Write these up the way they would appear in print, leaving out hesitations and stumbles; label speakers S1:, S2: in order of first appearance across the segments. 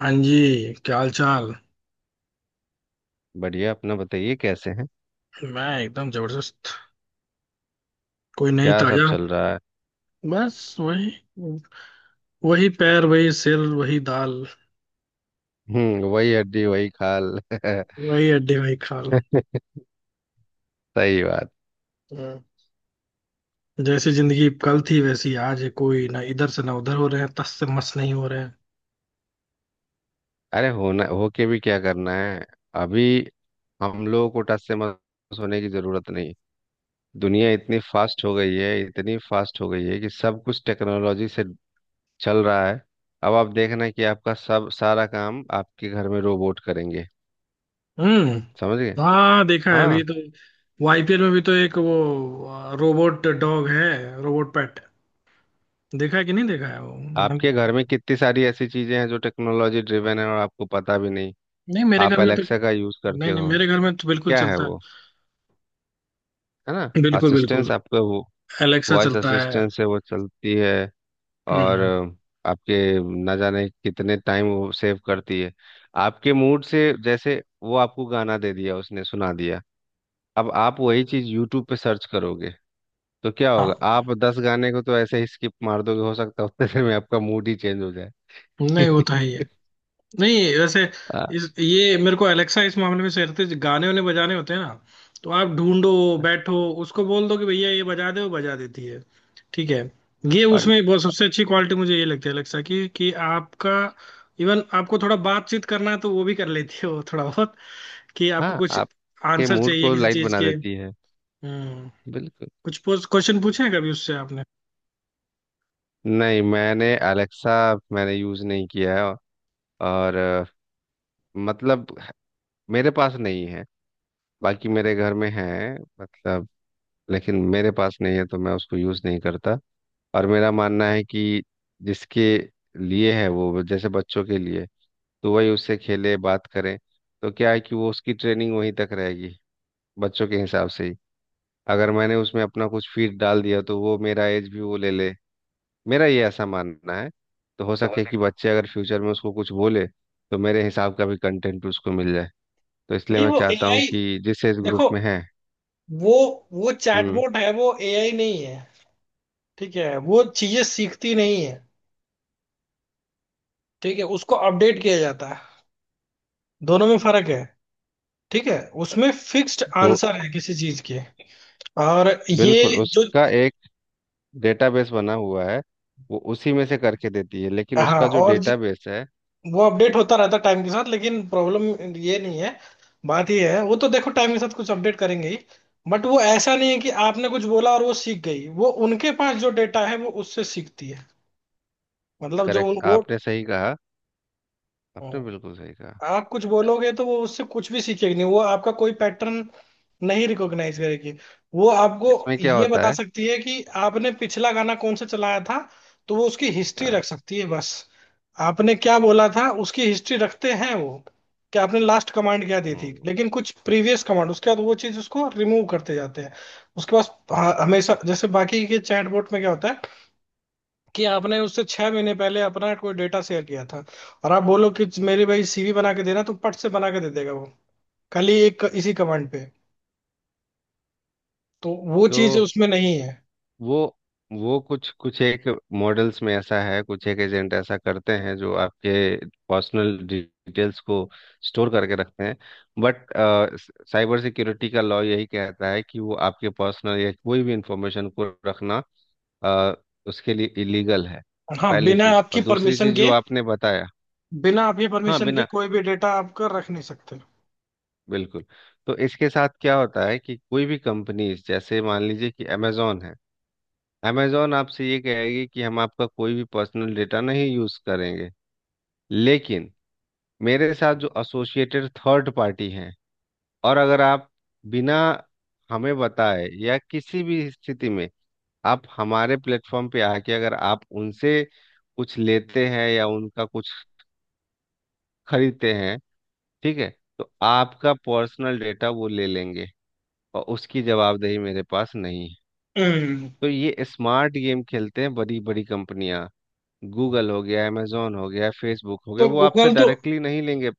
S1: हाँ जी, क्या हाल चाल।
S2: बढ़िया। अपना बताइए, कैसे हैं?
S1: मैं एकदम जबरदस्त। कोई नहीं,
S2: क्या सब
S1: ताजा।
S2: चल रहा है?
S1: बस वही, वही पैर वही सिर वही दाल,
S2: हम्म, वही हड्डी वही खाल।
S1: वही हड्डी वही खाल।
S2: सही बात।
S1: हम्म। जैसी जिंदगी कल थी वैसी आज है, कोई ना इधर से ना उधर हो रहे हैं, तस से मस नहीं हो रहे हैं।
S2: अरे होना होके भी क्या करना है? अभी हम लोगों को टस से मस होने की जरूरत नहीं। दुनिया इतनी फास्ट हो गई है, कि सब कुछ टेक्नोलॉजी से चल रहा है। अब आप देखना कि आपका सब सारा काम आपके घर में रोबोट करेंगे।
S1: हम्म।
S2: समझ गए?
S1: हाँ, देखा है,
S2: हाँ,
S1: अभी तो आईपीएल में भी तो एक वो रोबोट डॉग है, रोबोट पेट। देखा है कि नहीं देखा है वो?
S2: आपके घर में कितनी सारी ऐसी चीजें हैं जो टेक्नोलॉजी ड्रिवेन है और आपको पता भी नहीं।
S1: नहीं, मेरे
S2: आप
S1: घर में तो
S2: एलेक्सा का यूज करते
S1: नहीं, नहीं
S2: हो?
S1: मेरे घर में तो बिल्कुल
S2: क्या है
S1: चलता है।
S2: वो, है ना?
S1: बिल्कुल बिल्कुल,
S2: असिस्टेंस आपका, वो
S1: एलेक्सा
S2: वॉइस
S1: चलता है।
S2: असिस्टेंस है, वो चलती है। और
S1: हम्म।
S2: आपके ना जाने कितने टाइम वो सेव करती है, आपके मूड से। जैसे वो आपको गाना दे दिया, उसने सुना दिया। अब आप वही चीज यूट्यूब पे सर्च करोगे तो क्या होगा,
S1: हाँ,
S2: आप 10 गाने को तो ऐसे ही स्किप मार दोगे। हो सकता है उतने देर में आपका मूड ही चेंज हो जाए।
S1: नहीं वो तो है ही है। नहीं वैसे,
S2: आ,
S1: इस ये मेरे को एलेक्सा इस मामले में, सहते गाने उन्हें बजाने होते हैं ना, तो आप ढूंढो, बैठो, उसको बोल दो कि भैया ये बजा दे, वो बजा देती है। ठीक है, ये
S2: और
S1: उसमें बहुत सबसे अच्छी क्वालिटी मुझे ये लगती है एलेक्सा की, कि आपका, इवन आपको थोड़ा बातचीत करना है तो वो भी कर लेती है, वो थोड़ा बहुत, कि आपको
S2: हाँ,
S1: कुछ
S2: आपके
S1: आंसर
S2: मूड
S1: चाहिए
S2: को
S1: किसी
S2: लाइट
S1: चीज
S2: बना
S1: के।
S2: देती है।
S1: हम्म।
S2: बिल्कुल।
S1: कुछ क्वेश्चन पूछे हैं कभी उससे आपने?
S2: नहीं, मैंने यूज़ नहीं किया है। और मतलब मेरे पास नहीं है, बाकी मेरे घर में है। मतलब, लेकिन मेरे पास नहीं है तो मैं उसको यूज़ नहीं करता। और मेरा मानना है कि जिसके लिए है, वो जैसे बच्चों के लिए, तो वही उससे खेले, बात करें, तो क्या है कि वो उसकी ट्रेनिंग वहीं तक रहेगी, बच्चों के हिसाब से ही। अगर मैंने उसमें अपना कुछ फीड डाल दिया तो वो मेरा एज भी वो ले ले। मेरा ये ऐसा मानना है। तो हो
S1: तो
S2: सके कि बच्चे अगर फ्यूचर में उसको कुछ बोले, तो मेरे हिसाब का भी कंटेंट उसको मिल जाए। तो इसलिए
S1: नहीं,
S2: मैं
S1: वो
S2: चाहता हूँ
S1: एआई,
S2: कि जिस एज ग्रुप
S1: देखो,
S2: में है।
S1: वो वो
S2: हम्म।
S1: चैटबॉट है, वो एआई नहीं है। ठीक है, वो चीजें सीखती नहीं है। ठीक है, उसको अपडेट किया जाता है। दोनों में फर्क है। ठीक है, उसमें फिक्स्ड
S2: तो
S1: आंसर है किसी चीज के। और
S2: बिल्कुल
S1: ये जो,
S2: उसका एक डेटाबेस बना हुआ है, वो उसी में से करके देती है, लेकिन
S1: हाँ,
S2: उसका जो
S1: और जो
S2: डेटाबेस है।
S1: वो अपडेट होता रहता है टाइम के साथ, लेकिन प्रॉब्लम ये नहीं है। बात ये है वो तो देखो टाइम के साथ कुछ अपडेट करेंगे ही, बट वो ऐसा नहीं है कि आपने कुछ बोला और वो सीख गई। वो उनके पास जो डेटा है वो उससे सीखती है। मतलब जो
S2: करेक्ट,
S1: वो,
S2: आपने सही कहा, आपने
S1: हाँ।
S2: बिल्कुल सही कहा।
S1: आप कुछ बोलोगे तो वो उससे कुछ भी सीखेगी नहीं, वो आपका कोई पैटर्न नहीं रिकॉग्नाइज करेगी। वो आपको
S2: इसमें क्या
S1: ये
S2: होता
S1: बता
S2: है?
S1: सकती है कि आपने पिछला गाना कौन सा चलाया था, तो वो उसकी हिस्ट्री
S2: हाँ,
S1: रख सकती है, बस। आपने क्या बोला था उसकी हिस्ट्री रखते हैं वो, कि आपने लास्ट कमांड क्या दी थी,
S2: हम्म।
S1: लेकिन कुछ प्रीवियस कमांड उसके बाद वो चीज उसको रिमूव करते जाते हैं उसके पास। हाँ, हमेशा। जैसे बाकी के चैटबॉट में क्या होता है, कि आपने उससे 6 महीने पहले अपना कोई डेटा शेयर किया था, और आप बोलो कि मेरे भाई सीवी बना के देना, तो पट से बना के दे देगा वो, खाली एक इसी कमांड पे। तो वो चीज
S2: तो
S1: उसमें नहीं है।
S2: वो वो कुछ कुछ एक मॉडल्स में ऐसा है, कुछ एक एजेंट ऐसा करते हैं जो आपके पर्सनल डिटेल्स को स्टोर करके रखते हैं। बट साइबर सिक्योरिटी का लॉ यही कहता है कि वो आपके पर्सनल या कोई भी इंफॉर्मेशन को रखना, अ, उसके लिए इलीगल है।
S1: हाँ
S2: पहली
S1: बिना
S2: चीज।
S1: आपकी
S2: और दूसरी
S1: परमिशन
S2: चीज
S1: के,
S2: जो आपने बताया,
S1: बिना आपकी
S2: हाँ,
S1: परमिशन के
S2: बिना,
S1: कोई भी डेटा आपका रख नहीं सकते।
S2: बिल्कुल। तो इसके साथ क्या होता है कि कोई भी कंपनीज, जैसे मान लीजिए कि अमेजोन है। अमेजॉन आपसे ये कहेगी कि हम आपका कोई भी पर्सनल डेटा नहीं यूज करेंगे, लेकिन मेरे साथ जो एसोसिएटेड थर्ड पार्टी हैं, और अगर आप बिना हमें बताए या किसी भी स्थिति में आप हमारे प्लेटफॉर्म पे आके अगर आप उनसे कुछ लेते हैं या उनका कुछ खरीदते हैं, ठीक है, तो आपका पर्सनल डेटा वो ले लेंगे, और उसकी जवाबदेही मेरे पास नहीं है।
S1: हम्म।
S2: तो ये स्मार्ट गेम खेलते हैं बड़ी बड़ी कंपनियां। गूगल हो गया, amazon हो गया, फेसबुक हो गया,
S1: तो
S2: वो आपसे
S1: गूगल तो,
S2: डायरेक्टली नहीं लेंगे।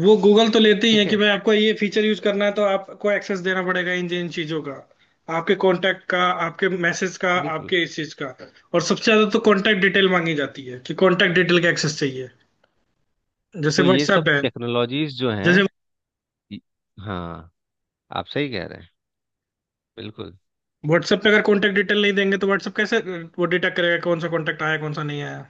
S1: वो गूगल तो लेते ही है
S2: ठीक
S1: कि
S2: है,
S1: भाई आपको ये फीचर यूज करना है तो आपको एक्सेस देना पड़ेगा इन इन चीजों का, आपके कांटेक्ट का, आपके मैसेज का,
S2: बिल्कुल।
S1: आपके इस चीज का। और सबसे ज्यादा तो कांटेक्ट डिटेल मांगी जाती है, कि कांटेक्ट डिटेल का एक्सेस चाहिए। जैसे
S2: तो ये
S1: व्हाट्सएप
S2: सब
S1: है,
S2: टेक्नोलॉजीज जो
S1: जैसे
S2: हैं ये- हाँ, आप सही कह रहे हैं, बिल्कुल।
S1: व्हाट्सएप पे अगर कॉन्टेक्ट डिटेल नहीं देंगे तो व्हाट्सएप कैसे वो डिटेक्ट करेगा कौन सा कॉन्टेक्ट आया कौन सा नहीं आया।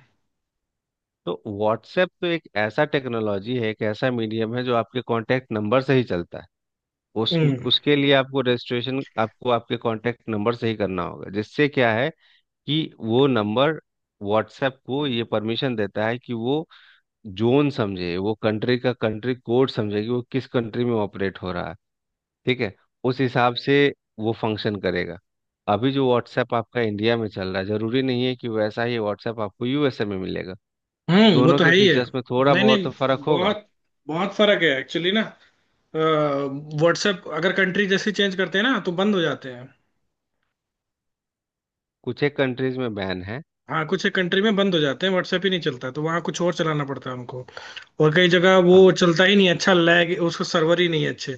S2: तो व्हाट्सएप तो एक ऐसा टेक्नोलॉजी है, एक ऐसा मीडियम है जो आपके कांटेक्ट नंबर से ही चलता है। उस
S1: हम्म।
S2: उसके लिए आपको रजिस्ट्रेशन आपको आपके कांटेक्ट नंबर से ही करना होगा, जिससे क्या है कि वो नंबर व्हाट्सएप को ये परमिशन देता है कि वो जोन समझे, वो कंट्री का कंट्री कोड समझे, कि वो किस कंट्री में ऑपरेट हो रहा है। ठीक है, उस हिसाब से वो फंक्शन करेगा। अभी जो व्हाट्सएप आपका इंडिया में चल रहा है, जरूरी नहीं है कि वैसा ही व्हाट्सएप आपको यूएसए में मिलेगा।
S1: हम्म, वो
S2: दोनों
S1: तो
S2: के
S1: है ही है।
S2: फीचर्स में थोड़ा
S1: नहीं
S2: बहुत तो
S1: नहीं,
S2: फर्क होगा।
S1: बहुत बहुत फर्क है एक्चुअली ना। व्हाट्सएप अगर कंट्री जैसी चेंज करते हैं ना तो बंद हो जाते हैं।
S2: कुछ एक कंट्रीज में बैन है।
S1: हाँ, कुछ एक कंट्री में बंद हो जाते हैं, व्हाट्सएप ही नहीं चलता, तो वहाँ कुछ और चलाना पड़ता है उनको। और कई जगह
S2: हाँ,
S1: वो चलता ही नहीं अच्छा, लैग, उसका सर्वर ही नहीं है अच्छे।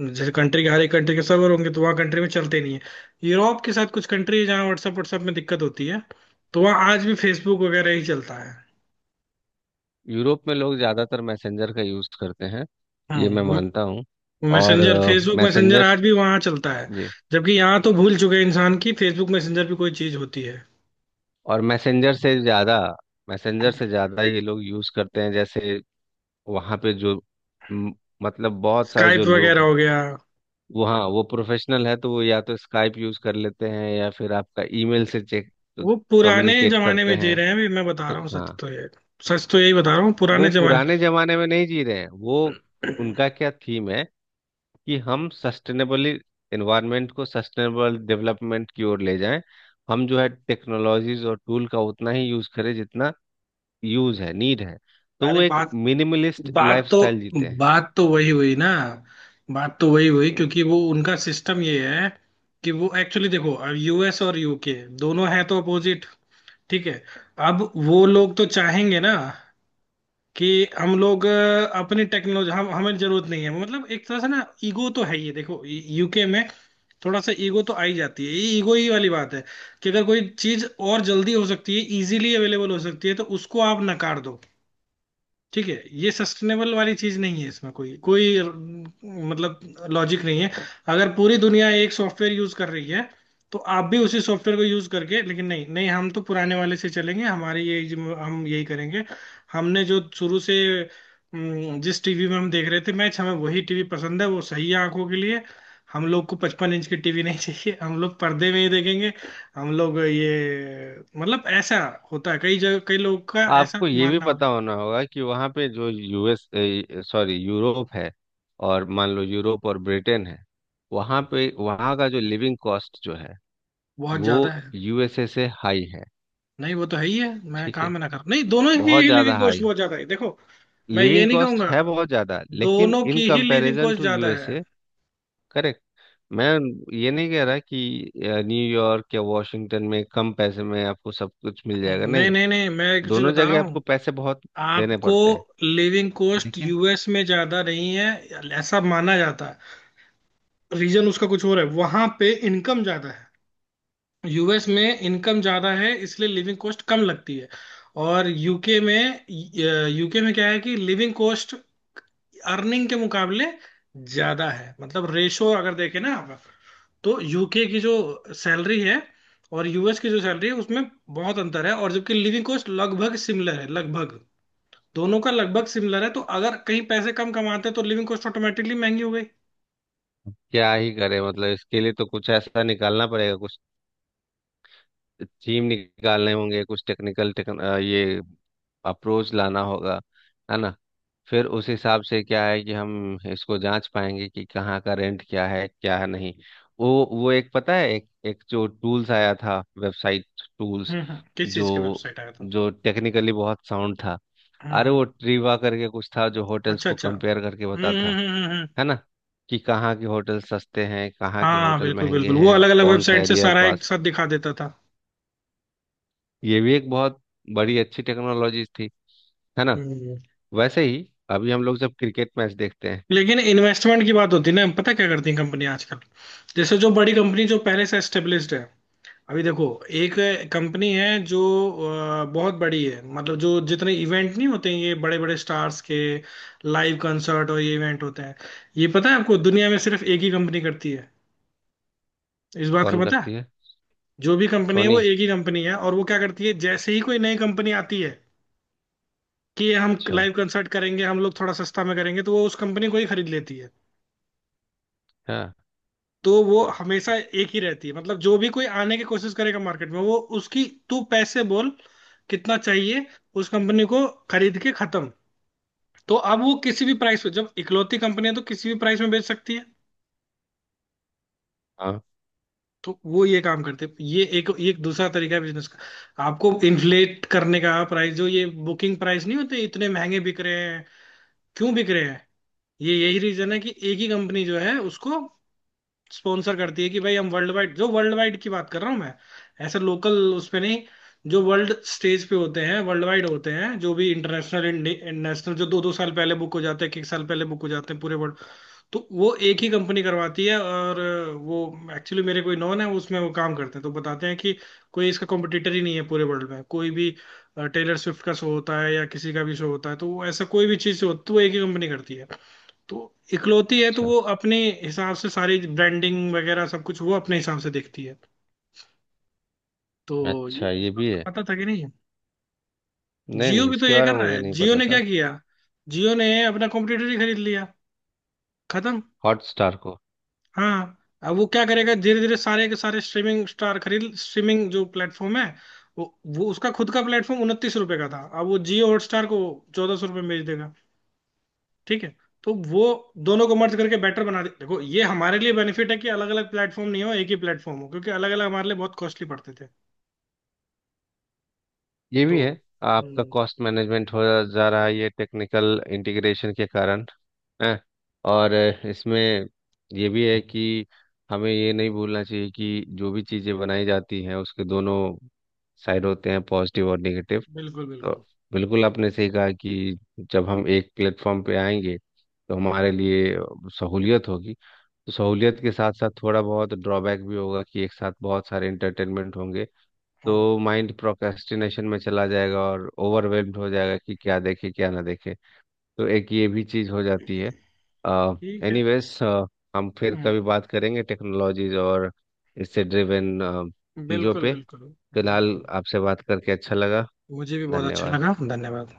S1: जैसे कंट्री के, हर एक कंट्री के सर्वर होंगे, तो वहाँ कंट्री में चलते नहीं है। यूरोप के साथ कुछ कंट्री है जहाँ व्हाट्सएप व्हाट्सएप में दिक्कत होती है, तो वहाँ आज भी फेसबुक वगैरह ही चलता है।
S2: यूरोप में लोग ज़्यादातर मैसेंजर का यूज़ करते हैं, ये मैं
S1: हम्म।
S2: मानता हूँ। और
S1: मैसेंजर, फेसबुक मैसेंजर
S2: मैसेंजर,
S1: आज भी वहाँ चलता है।
S2: जी।
S1: जबकि यहाँ तो भूल चुके हैं इंसान की फेसबुक मैसेंजर भी कोई चीज होती है।
S2: और मैसेंजर से ज़्यादा ये लोग यूज़ करते हैं, जैसे वहाँ पे जो म, मतलब बहुत सारे जो
S1: स्काइप वगैरह
S2: लोग हैं
S1: हो गया।
S2: वो, हाँ वो प्रोफेशनल है, तो वो या तो स्काइप यूज कर लेते हैं या फिर आपका ईमेल से चेक,
S1: वो पुराने
S2: कम्युनिकेट
S1: जमाने
S2: करते
S1: में जी
S2: हैं।
S1: रहे हैं, अभी मैं बता रहा
S2: ठीक,
S1: हूँ, सच
S2: हाँ।
S1: तो ये, सच तो यही बता रहा हूँ,
S2: वो
S1: पुराने जमाने।
S2: पुराने जमाने में नहीं जी रहे हैं वो। उनका क्या थीम है कि हम सस्टेनेबली एनवायरनमेंट को सस्टेनेबल डेवलपमेंट की ओर ले जाएं। हम जो है टेक्नोलॉजीज और टूल का उतना ही यूज करें जितना यूज है, नीड है। तो
S1: अरे
S2: वो एक
S1: बात
S2: मिनिमलिस्ट
S1: बात तो
S2: लाइफस्टाइल जीते हैं।
S1: वही हुई ना, बात तो वही हुई,
S2: हम्म।
S1: क्योंकि वो उनका सिस्टम ये है, कि वो एक्चुअली देखो, अब यूएस और यूके दोनों हैं तो अपोजिट। ठीक है। अब वो लोग तो चाहेंगे ना, कि हम लोग अपनी टेक्नोलॉजी, हम, हमें जरूरत नहीं है, मतलब एक तरह से ना ईगो तो है, ये देखो यूके में थोड़ा सा ईगो तो आई जाती है, ये ईगो ही वाली बात है, कि अगर कोई चीज और जल्दी हो सकती है, इजीली अवेलेबल हो सकती है, तो उसको आप नकार दो। ठीक है, ये सस्टेनेबल वाली चीज नहीं है, इसमें कोई कोई अम, मतलब लॉजिक नहीं है। अगर पूरी दुनिया एक सॉफ्टवेयर यूज कर रही है तो आप भी उसी सॉफ्टवेयर को यूज करके, लेकिन नहीं नहीं हम तो पुराने वाले से चलेंगे, हमारी ये हम यही करेंगे, हमने जो शुरू से जिस टीवी में हम देख रहे थे मैच, हमें वही टीवी पसंद है, वो सही है आंखों के लिए। हम लोग को 55 इंच की टीवी नहीं चाहिए, हम लोग पर्दे में ही देखेंगे। हम लोग ये मतलब, ऐसा होता है कई जगह, कई लोग का ऐसा
S2: आपको ये भी
S1: मानना हो।
S2: पता होना होगा कि वहाँ पे जो यूएस, सॉरी यूरोप है, और मान लो यूरोप और ब्रिटेन है, वहाँ पे वहाँ का जो लिविंग कॉस्ट जो है
S1: बहुत
S2: वो
S1: ज्यादा है।
S2: यूएसए से हाई है।
S1: नहीं वो तो है ही है, मैं
S2: ठीक
S1: कहाँ
S2: है,
S1: मना कर, नहीं दोनों की
S2: बहुत
S1: ही
S2: ज़्यादा
S1: लिविंग
S2: हाई
S1: कॉस्ट बहुत ज्यादा है देखो। मैं ये
S2: लिविंग
S1: नहीं
S2: कॉस्ट
S1: कहूंगा,
S2: है, बहुत ज़्यादा, लेकिन
S1: दोनों
S2: इन
S1: की ही लिविंग
S2: कंपैरिजन
S1: कॉस्ट
S2: टू
S1: ज्यादा है।
S2: यूएसए। करेक्ट। मैं ये नहीं कह रहा कि न्यूयॉर्क या वॉशिंगटन में कम पैसे में आपको सब कुछ मिल जाएगा,
S1: नहीं
S2: नहीं।
S1: नहीं नहीं, मैं एक चीज
S2: दोनों
S1: बता रहा
S2: जगह आपको
S1: हूँ
S2: पैसे बहुत देने
S1: आपको,
S2: पड़ते हैं,
S1: लिविंग कॉस्ट
S2: लेकिन
S1: यूएस में ज्यादा नहीं है ऐसा माना जाता है, रीजन उसका कुछ और है, वहां पे इनकम ज्यादा है। यूएस में इनकम ज्यादा है इसलिए लिविंग कॉस्ट कम लगती है। और यूके में, यूके में क्या है कि लिविंग कॉस्ट अर्निंग के मुकाबले ज्यादा है, मतलब रेशो अगर देखें ना आप, तो यूके की जो सैलरी है और यूएस की जो सैलरी है उसमें बहुत अंतर है, और जबकि लिविंग कॉस्ट लगभग सिमिलर है, लगभग दोनों का लगभग सिमिलर है। तो अगर कहीं पैसे कम कमाते हैं तो लिविंग कॉस्ट ऑटोमेटिकली महंगी हो गई।
S2: क्या ही करे, मतलब इसके लिए तो कुछ ऐसा निकालना पड़ेगा, कुछ थीम निकालने होंगे, कुछ टेक्निकल ये अप्रोच लाना होगा, है ना? फिर उस हिसाब से क्या है कि हम इसको जांच पाएंगे कि कहाँ का रेंट क्या है, क्या है नहीं। वो एक पता है, एक एक जो टूल्स आया था वेबसाइट, टूल्स,
S1: हम्म, किस चीज के
S2: जो
S1: वेबसाइट आया था?
S2: जो टेक्निकली बहुत साउंड था। अरे
S1: हम्म।
S2: वो ट्रीवा करके कुछ था, जो होटल्स
S1: अच्छा
S2: को
S1: अच्छा,
S2: कंपेयर करके बताता है
S1: हम्म,
S2: है ना, कि कहाँ के होटल सस्ते हैं, कहाँ के
S1: हाँ
S2: होटल
S1: बिल्कुल
S2: महंगे
S1: बिल्कुल, वो
S2: हैं,
S1: अलग अलग
S2: कौन सा
S1: वेबसाइट से
S2: एरिया
S1: सारा एक
S2: पास।
S1: साथ दिखा देता था।
S2: ये भी एक बहुत बड़ी अच्छी टेक्नोलॉजी थी, है ना?
S1: हम्म।
S2: वैसे ही अभी हम लोग जब क्रिकेट मैच देखते हैं।
S1: लेकिन इन्वेस्टमेंट की बात होती है ना, पता क्या करती है कंपनी आजकल, जैसे जो बड़ी कंपनी जो पहले से एस्टेब्लिश्ड है, अभी देखो, एक कंपनी है जो बहुत बड़ी है, मतलब जो जितने इवेंट नहीं होते हैं ये बड़े बड़े स्टार्स के लाइव कंसर्ट और ये इवेंट होते हैं, ये पता है आपको दुनिया में सिर्फ एक ही कंपनी करती है, इस बात का
S2: कौन
S1: पता है?
S2: करती है?
S1: जो भी कंपनी है
S2: सोनी?
S1: वो एक ही कंपनी है, और वो क्या करती है जैसे ही कोई नई कंपनी आती है कि हम
S2: अच्छा,
S1: लाइव कंसर्ट करेंगे, हम लोग थोड़ा सस्ता में करेंगे, तो वो उस कंपनी को ही खरीद लेती है।
S2: हाँ।
S1: तो वो हमेशा एक ही रहती है, मतलब जो भी कोई आने की कोशिश करेगा मार्केट में, वो उसकी, तू पैसे बोल कितना चाहिए, उस कंपनी को खरीद के खत्म। तो अब वो किसी भी प्राइस पे, जब इकलौती कंपनी है तो किसी भी प्राइस में बेच सकती है।
S2: हाँ,
S1: तो वो ये काम करते हैं, ये एक दूसरा तरीका है बिजनेस का, आपको इन्फ्लेट करने का प्राइस, जो ये बुकिंग प्राइस नहीं होते इतने महंगे बिक रहे हैं, क्यों बिक रहे हैं, ये यही रीजन है कि एक ही कंपनी जो है उसको स्पॉन्सर करती है कि भाई, हम वर्ल्ड वाइड, जो वर्ल्ड वाइड की बात कर रहा हूँ मैं, ऐसे लोकल उसमें नहीं, जो वर्ल्ड स्टेज पे होते हैं वर्ल्ड वाइड होते हैं, जो भी इंटरनेशनल नेशनल, जो दो दो साल पहले बुक हो जाते हैं, एक एक साल पहले बुक हो जाते हैं पूरे वर्ल्ड। तो वो एक ही कंपनी करवाती है, और वो, एक्चुअली मेरे कोई नॉन है उसमें, वो काम करते हैं तो बताते हैं कि कोई इसका कॉम्पिटिटर ही नहीं है पूरे वर्ल्ड में, कोई भी टेलर स्विफ्ट का शो होता है या किसी का भी शो होता है, तो वो ऐसा कोई भी चीज़ होती है वो एक ही कंपनी करती है। तो इकलौती है, तो
S2: अच्छा
S1: वो अपने हिसाब से सारी ब्रांडिंग वगैरह सब कुछ वो अपने हिसाब से देखती है। तो
S2: अच्छा।
S1: ये इस
S2: ये
S1: बात
S2: भी है।
S1: का पता था कि नहीं?
S2: नहीं
S1: जियो
S2: नहीं,
S1: भी तो
S2: इसके
S1: ये
S2: बारे
S1: कर
S2: में
S1: रहा
S2: मुझे
S1: है,
S2: नहीं
S1: जियो
S2: पता
S1: ने
S2: था।
S1: क्या किया, जियो ने अपना कॉम्पिटिटर ही खरीद लिया, खत्म।
S2: हॉटस्टार को?
S1: हाँ। अब वो क्या करेगा, धीरे धीरे सारे के सारे स्ट्रीमिंग स्टार खरीद, स्ट्रीमिंग जो प्लेटफॉर्म है वो वो उसका खुद का प्लेटफॉर्म 29 रुपए का था, अब वो जियो हॉटस्टार को 1,400 रुपये बेच देगा। ठीक है, तो वो दोनों को मर्ज करके बेटर बना दे। देखो ये हमारे लिए बेनिफिट है कि अलग अलग प्लेटफॉर्म नहीं हो, एक ही प्लेटफॉर्म हो, क्योंकि अलग अलग हमारे लिए बहुत कॉस्टली पड़ते थे।
S2: ये
S1: तो,
S2: भी है। आपका
S1: हम्म,
S2: कॉस्ट मैनेजमेंट हो जा रहा है ये टेक्निकल इंटीग्रेशन के कारण, हैं। और इसमें ये भी है कि हमें ये नहीं भूलना चाहिए कि जो भी चीज़ें बनाई जाती हैं, उसके दोनों साइड होते हैं, पॉजिटिव और नेगेटिव।
S1: बिल्कुल
S2: तो
S1: बिल्कुल।
S2: बिल्कुल आपने सही कहा, कि जब हम एक प्लेटफॉर्म पे आएंगे तो हमारे लिए सहूलियत होगी। तो सहूलियत के साथ साथ थोड़ा बहुत ड्रॉबैक भी होगा, कि एक साथ बहुत सारे एंटरटेनमेंट होंगे,
S1: हाँ।
S2: तो माइंड प्रोक्रेस्टिनेशन में चला जाएगा और ओवरवेल्म्ड हो जाएगा कि क्या देखे क्या ना देखे। तो एक ये भी चीज़ हो जाती है।
S1: ठीक है।
S2: एनीवेज, हम फिर
S1: हम्म,
S2: कभी बात करेंगे टेक्नोलॉजीज और इससे ड्रिवन चीज़ों
S1: बिल्कुल
S2: पे।
S1: बिल्कुल।
S2: फिलहाल
S1: बिल्कुल।
S2: आपसे बात करके अच्छा लगा।
S1: मुझे भी बहुत अच्छा
S2: धन्यवाद।
S1: लगा, धन्यवाद।